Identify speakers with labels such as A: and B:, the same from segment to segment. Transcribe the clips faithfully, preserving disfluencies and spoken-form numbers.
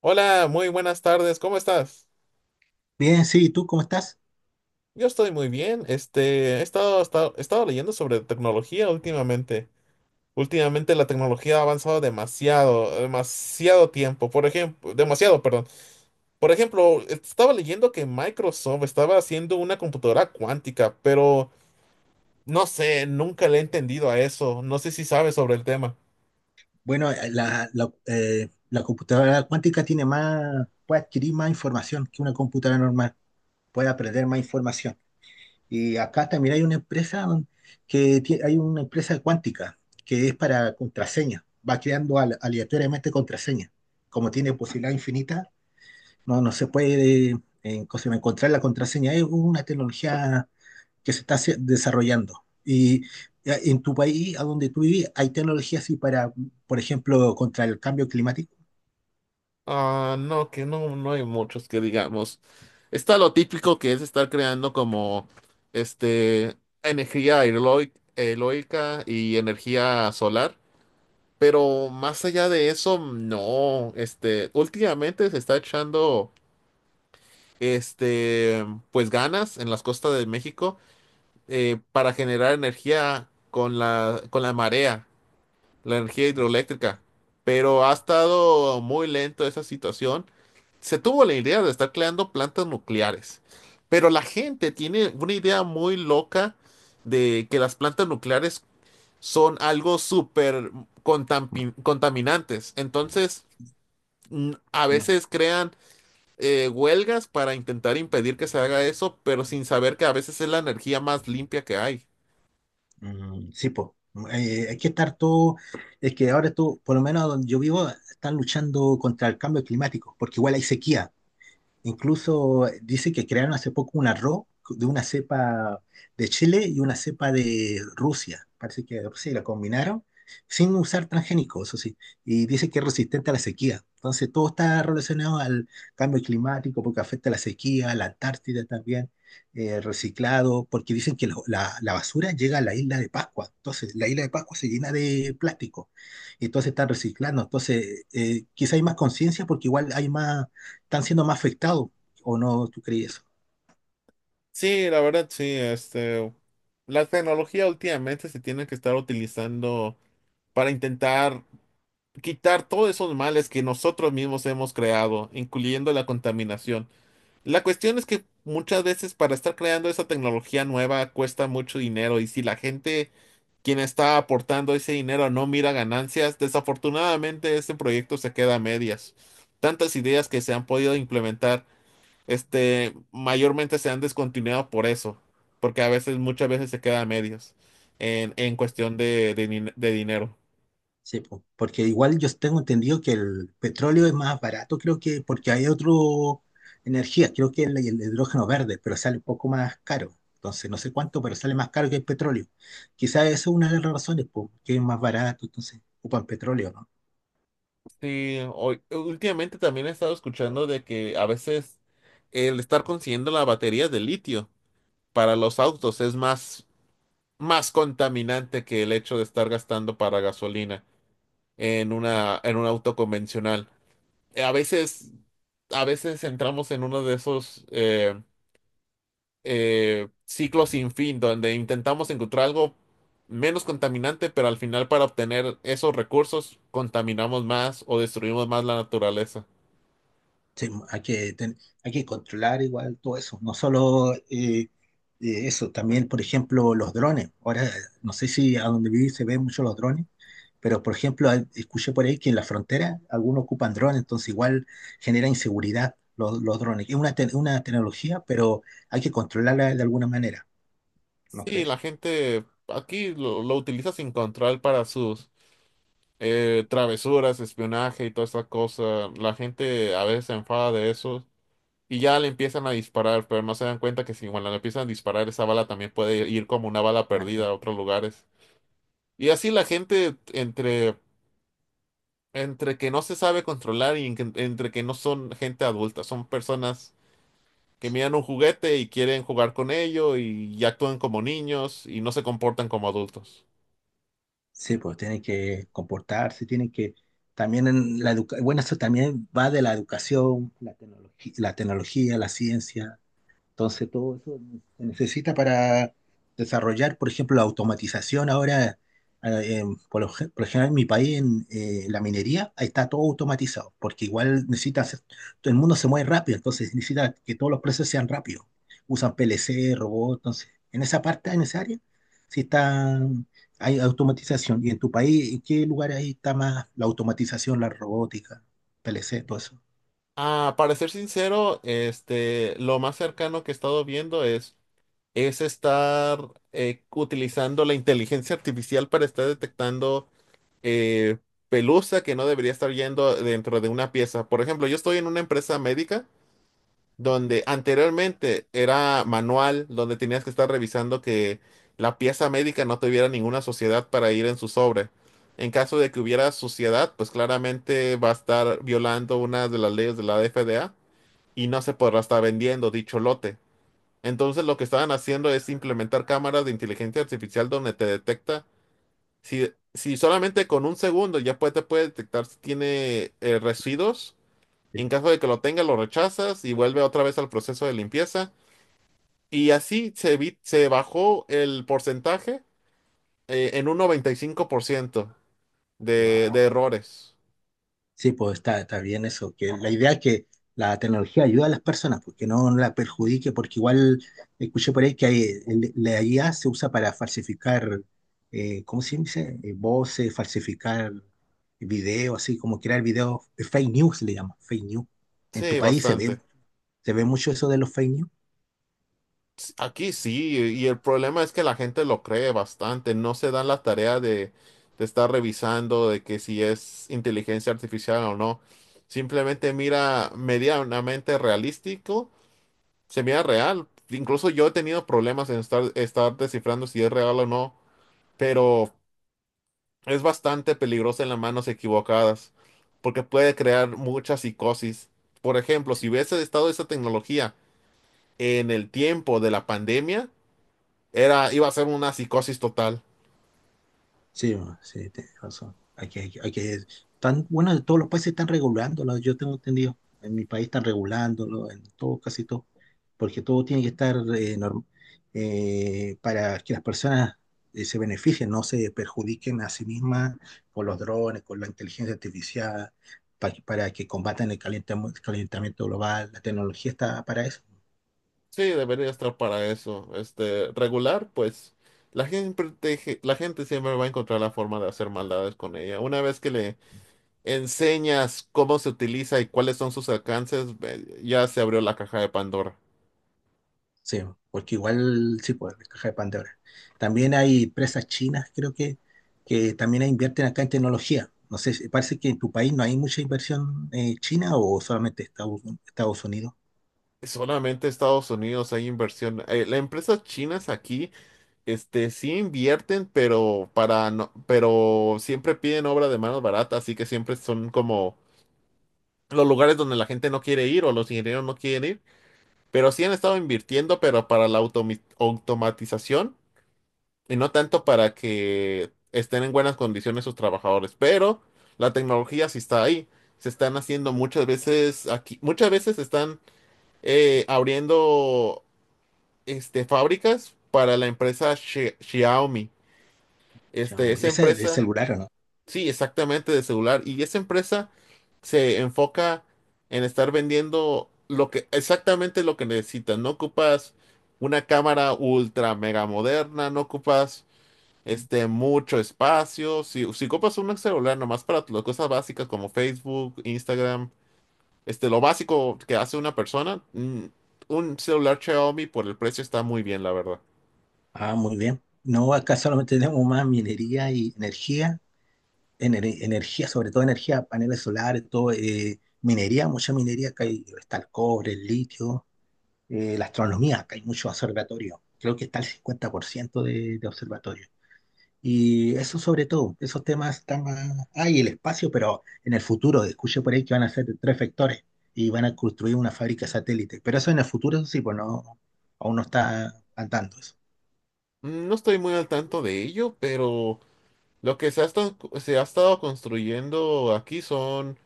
A: Hola, muy buenas tardes, ¿cómo estás?
B: Bien, sí, ¿y tú cómo estás?
A: Yo estoy muy bien. Este, he estado, estado, he estado leyendo sobre tecnología últimamente. Últimamente la tecnología ha avanzado demasiado, demasiado tiempo. Por ejemplo, demasiado, perdón. Por ejemplo, estaba leyendo que Microsoft estaba haciendo una computadora cuántica, pero no sé, nunca le he entendido a eso. No sé si sabes sobre el tema.
B: Bueno, eh, la, la, eh, la computadora cuántica tiene más, puede adquirir más información que una computadora normal, puede aprender más información. Y acá también hay una empresa don- que tie- hay una empresa cuántica que es para contraseña, va creando al- aleatoriamente contraseña. Como tiene posibilidad infinita, no, no se puede eh, en- encontrar la contraseña. Es una tecnología que se está haci- desarrollando. Y eh, en tu país, a donde tú vivís, ¿hay tecnología así para, por ejemplo, contra el cambio climático?
A: Ah, no, que no, no hay muchos que digamos. Está lo típico que es estar creando como este energía aeroi- eólica y energía solar, pero más allá de eso, no. Este, últimamente se está echando este pues ganas en las costas de México, eh, para generar energía con la con la marea, la energía hidroeléctrica, pero ha estado muy lento esa situación. Se tuvo la idea de estar creando plantas nucleares, pero la gente tiene una idea muy loca de que las plantas nucleares son algo súper contamin- contaminantes. Entonces, mm, a
B: No.
A: veces crean eh, huelgas para intentar impedir que se haga eso, pero sin saber que a veces es la energía más limpia que hay.
B: Mm, sí, pues, hay que estar todo, es que ahora tú, por lo menos donde yo vivo, están luchando contra el cambio climático, porque igual hay sequía. Incluso eh, dice que crearon hace poco un arroz de una cepa de Chile y una cepa de Rusia. Parece que pues sí, la combinaron sin usar transgénicos, eso sí. Y dice que es resistente a la sequía. Entonces todo está relacionado al cambio climático porque afecta a la sequía, la Antártida también, eh, reciclado, porque dicen que lo- la, la basura llega a la isla de Pascua. Entonces la isla de Pascua se llena de plástico. Y entonces están reciclando. Entonces eh, quizá hay más conciencia porque igual hay más, están siendo más afectados, ¿o no tú crees eso?
A: Sí, la verdad, sí. este, la tecnología últimamente se tiene que estar utilizando para intentar quitar todos esos males que nosotros mismos hemos creado, incluyendo la contaminación. La cuestión es que muchas veces para estar creando esa tecnología nueva cuesta mucho dinero, y si la gente, quien está aportando ese dinero, no mira ganancias, desafortunadamente este proyecto se queda a medias. Tantas ideas que se han podido implementar, este, mayormente se han descontinuado por eso, porque a veces, muchas veces se queda a medias en, en cuestión de, de, din- de dinero.
B: Sí, po, porque igual yo tengo entendido que el petróleo es más barato, creo que porque hay otro energía, creo que el, el hidrógeno verde, pero sale un poco más caro. Entonces, no sé cuánto, pero sale más caro que el petróleo. Quizás esa es una de las razones, po, que es más barato, entonces ocupan petróleo, ¿no?
A: Sí, hoy, últimamente también he estado escuchando de que a veces el estar consiguiendo la batería de litio para los autos es más, más contaminante que el hecho de estar gastando para gasolina en una, en un auto convencional. Eh, A veces, a veces entramos en uno de esos eh, eh, ciclo sin fin, donde intentamos encontrar algo menos contaminante, pero al final para obtener esos recursos contaminamos más o destruimos más la naturaleza.
B: Sí, hay que, ten- hay que controlar igual todo eso, no solo eh, eh, eso, también, por ejemplo, los drones. Ahora, no sé si a donde viví se ven mucho los drones, pero por ejemplo, al- escuché por ahí que en la frontera algunos ocupan drones, entonces igual genera inseguridad los, los drones. Es una, te- una tecnología, pero hay que controlarla de alguna manera, ¿no
A: Sí, la
B: crees?
A: gente aquí lo, lo utiliza sin control para sus eh, travesuras, espionaje y toda esa cosa. La gente a veces se enfada de eso. Y ya le empiezan a disparar, pero no se dan cuenta que si cuando le empiezan a disparar, esa bala también puede ir como una bala
B: Ah,
A: perdida a
B: está.
A: otros lugares. Y así la gente entre. Entre que no se sabe controlar y en que- entre que no son gente adulta, son personas que miran un juguete y quieren jugar con ello, y, y actúan como niños y no se comportan como adultos.
B: Sí, pues tienen que comportarse, tienen que también en la educa- bueno, eso también va de la educación, la tecnología, la tecnología, la ciencia. Entonces, todo eso se necesita para desarrollar, por ejemplo, la automatización. Ahora, eh, em, por lo, gen- por lo general, en mi país, en eh, la minería, ahí está todo automatizado, porque igual necesita hacer, todo el mundo se mueve rápido, entonces necesita que todos los procesos sean rápidos. Usan P L C, robots, entonces, en esa parte, en esa área, sí está, hay automatización. ¿Y en tu país, en qué lugar ahí está más la automatización, la robótica, P L C, todo eso?
A: Ah, para ser sincero, este, lo más cercano que he estado viendo es, es estar eh, utilizando la inteligencia artificial para estar detectando eh, pelusa que no debería estar yendo dentro de una pieza. Por ejemplo, yo estoy en una empresa médica donde anteriormente era manual, donde tenías que estar revisando que la pieza médica no tuviera ninguna suciedad para ir en su sobre. En caso de que hubiera suciedad, pues claramente va a estar violando una de las leyes de la F D A y no se podrá estar vendiendo dicho lote. Entonces lo que estaban haciendo es implementar cámaras de inteligencia artificial donde te detecta si, si solamente con un segundo ya puede, te puede detectar si tiene eh, residuos, y en caso de que lo tenga, lo rechazas y vuelve otra vez al proceso de limpieza. Y así se, vi se bajó el porcentaje eh, en un noventa y cinco por ciento de, de
B: Wow.
A: errores.
B: Sí, pues está, está bien eso, que la idea es que la tecnología ayuda a las personas, porque no, no la perjudique, porque igual escuché por ahí que hay- el- la I A se usa para falsificar, eh, ¿cómo se dice? Eh, voces, falsificar videos, así como crear videos, eh, fake news le llaman, fake news. ¿En tu
A: Sí,
B: país se ve,
A: bastante.
B: se ve mucho eso de los fake news?
A: S- Aquí sí, y el problema es que la gente lo cree bastante, no se dan la tarea de, de estar revisando de que si es inteligencia artificial o no. Simplemente mira medianamente realístico, se mira real. Incluso yo he tenido problemas en estar, estar descifrando si es real o no, pero es bastante peligrosa en las manos equivocadas, porque puede crear mucha psicosis. Por ejemplo, si hubiese estado esa tecnología en el tiempo de la pandemia, era, iba a ser una psicosis total.
B: Sí, bueno, sí, tienes razón. Hay que, hay que, hay que- tan, bueno, en todos los países están regulándolo, yo tengo entendido. En mi país están regulándolo, en todo, casi todo. Porque todo tiene que estar eh, norm- eh, para que las personas eh, se beneficien, no se perjudiquen a sí mismas con los drones, con la inteligencia artificial, pa- para que combatan el calentamo- calentamiento global. La tecnología está para eso.
A: Sí, debería estar para eso. Este, regular, pues la gente, te- la gente siempre va a encontrar la forma de hacer maldades con ella. Una vez que le enseñas cómo se utiliza y cuáles son sus alcances, ve- ya se abrió la caja de Pandora.
B: Sí, porque igual sí, pues, la caja de Pandora. También hay empresas chinas, creo que, que también invierten acá en tecnología. No sé, si- parece que en tu país no hay mucha inversión eh, china o solamente Estados, Estados Unidos.
A: Solamente Estados Unidos hay inversión. Eh, las empresas chinas aquí, este, sí invierten, pero para no, pero siempre piden obra de mano barata, así que siempre son como los lugares donde la gente no quiere ir o los ingenieros no quieren ir. Pero sí han estado invirtiendo, pero para la automi- automatización, y no tanto para que estén en buenas condiciones sus trabajadores. Pero la tecnología sí está ahí. Se están haciendo muchas veces aquí, muchas veces están eh, abriendo este, fábricas para la empresa Xi- Xiaomi. Este,
B: Xiaomi.
A: esa
B: Ese es de
A: empresa,
B: celular, ¿o no?
A: sí, exactamente de celular. Y esa empresa se enfoca en estar vendiendo lo que, exactamente lo que necesitas. No ocupas una cámara ultra mega moderna, no ocupas este, mucho espacio. Si, si ocupas un celular nomás para las cosas básicas como Facebook, Instagram, este, lo básico que hace una persona, mm, un celular Xiaomi por el precio está muy bien, la verdad.
B: Ah, muy bien. No, acá solamente tenemos más minería y energía, ener- energía, sobre todo energía, paneles solares, todo, eh, minería, mucha minería, acá hay- está el cobre, el litio, eh, la astronomía, acá hay muchos observatorios, creo que está el cincuenta por ciento de, de observatorios. Y eso sobre todo, esos temas están más... Hay el espacio, pero en el futuro, escuché por ahí que van a ser tres vectores y van a construir una fábrica satélite. Pero eso en el futuro, eso sí, pues no, aún no está andando eso.
A: No estoy muy al tanto de ello, pero lo que se ha estado, se ha estado construyendo aquí son,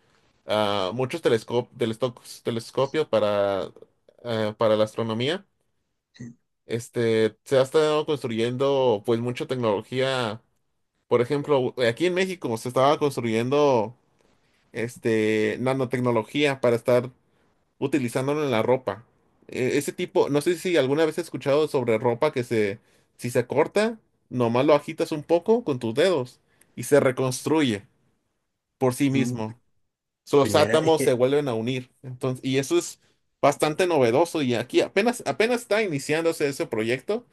A: ah, muchos telescop- telesto- telescopios para, ah, para la astronomía. Este, se ha estado construyendo pues mucha tecnología. Por ejemplo, aquí en México se estaba construyendo este, nanotecnología para estar utilizándolo en la ropa. E- ese tipo, no sé si alguna vez has escuchado sobre ropa que se, si se corta, nomás lo agitas un poco con tus dedos y se reconstruye por sí
B: Mm,
A: mismo. So, los
B: primera es
A: átomos se
B: que
A: vuelven a unir. Entonces, y eso es bastante novedoso, y aquí apenas, apenas está iniciándose ese proyecto,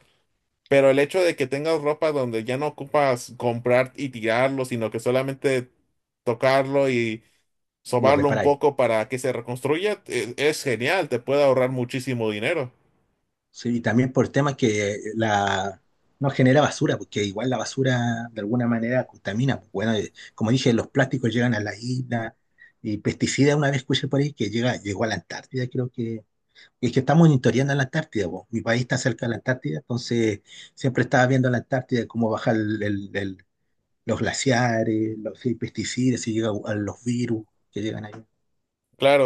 A: pero el hecho de que tengas ropa donde ya no ocupas comprar y tirarlo, sino que solamente tocarlo y
B: lo
A: sobarlo un
B: reparáis.
A: poco para que se reconstruya, e- es, genial, te puede ahorrar muchísimo dinero.
B: Sí, y también por temas que la, no genera basura, porque igual la basura de alguna manera contamina, pues. Bueno, eh, como dije, los plásticos llegan a la isla y pesticidas, una vez escuché por ahí que llega, llegó a la Antártida, creo que. Es que estamos monitoreando a la Antártida, po. Mi país está cerca de la Antártida, entonces siempre estaba viendo a la Antártida cómo bajar el- el- el- los glaciares, los si hay pesticidas, si llegan a los virus que llegan ahí.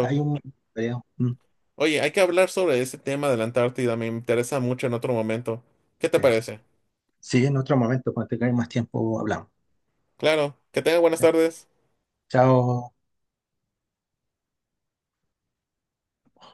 B: Hay un, creo. Mm,
A: Oye, hay que hablar sobre ese tema de la Antártida, me interesa mucho en otro momento. ¿Qué te
B: sí.
A: parece?
B: Sí, en otro momento, cuando tengáis más tiempo, hablamos.
A: Claro, que tenga buenas tardes.
B: Chao.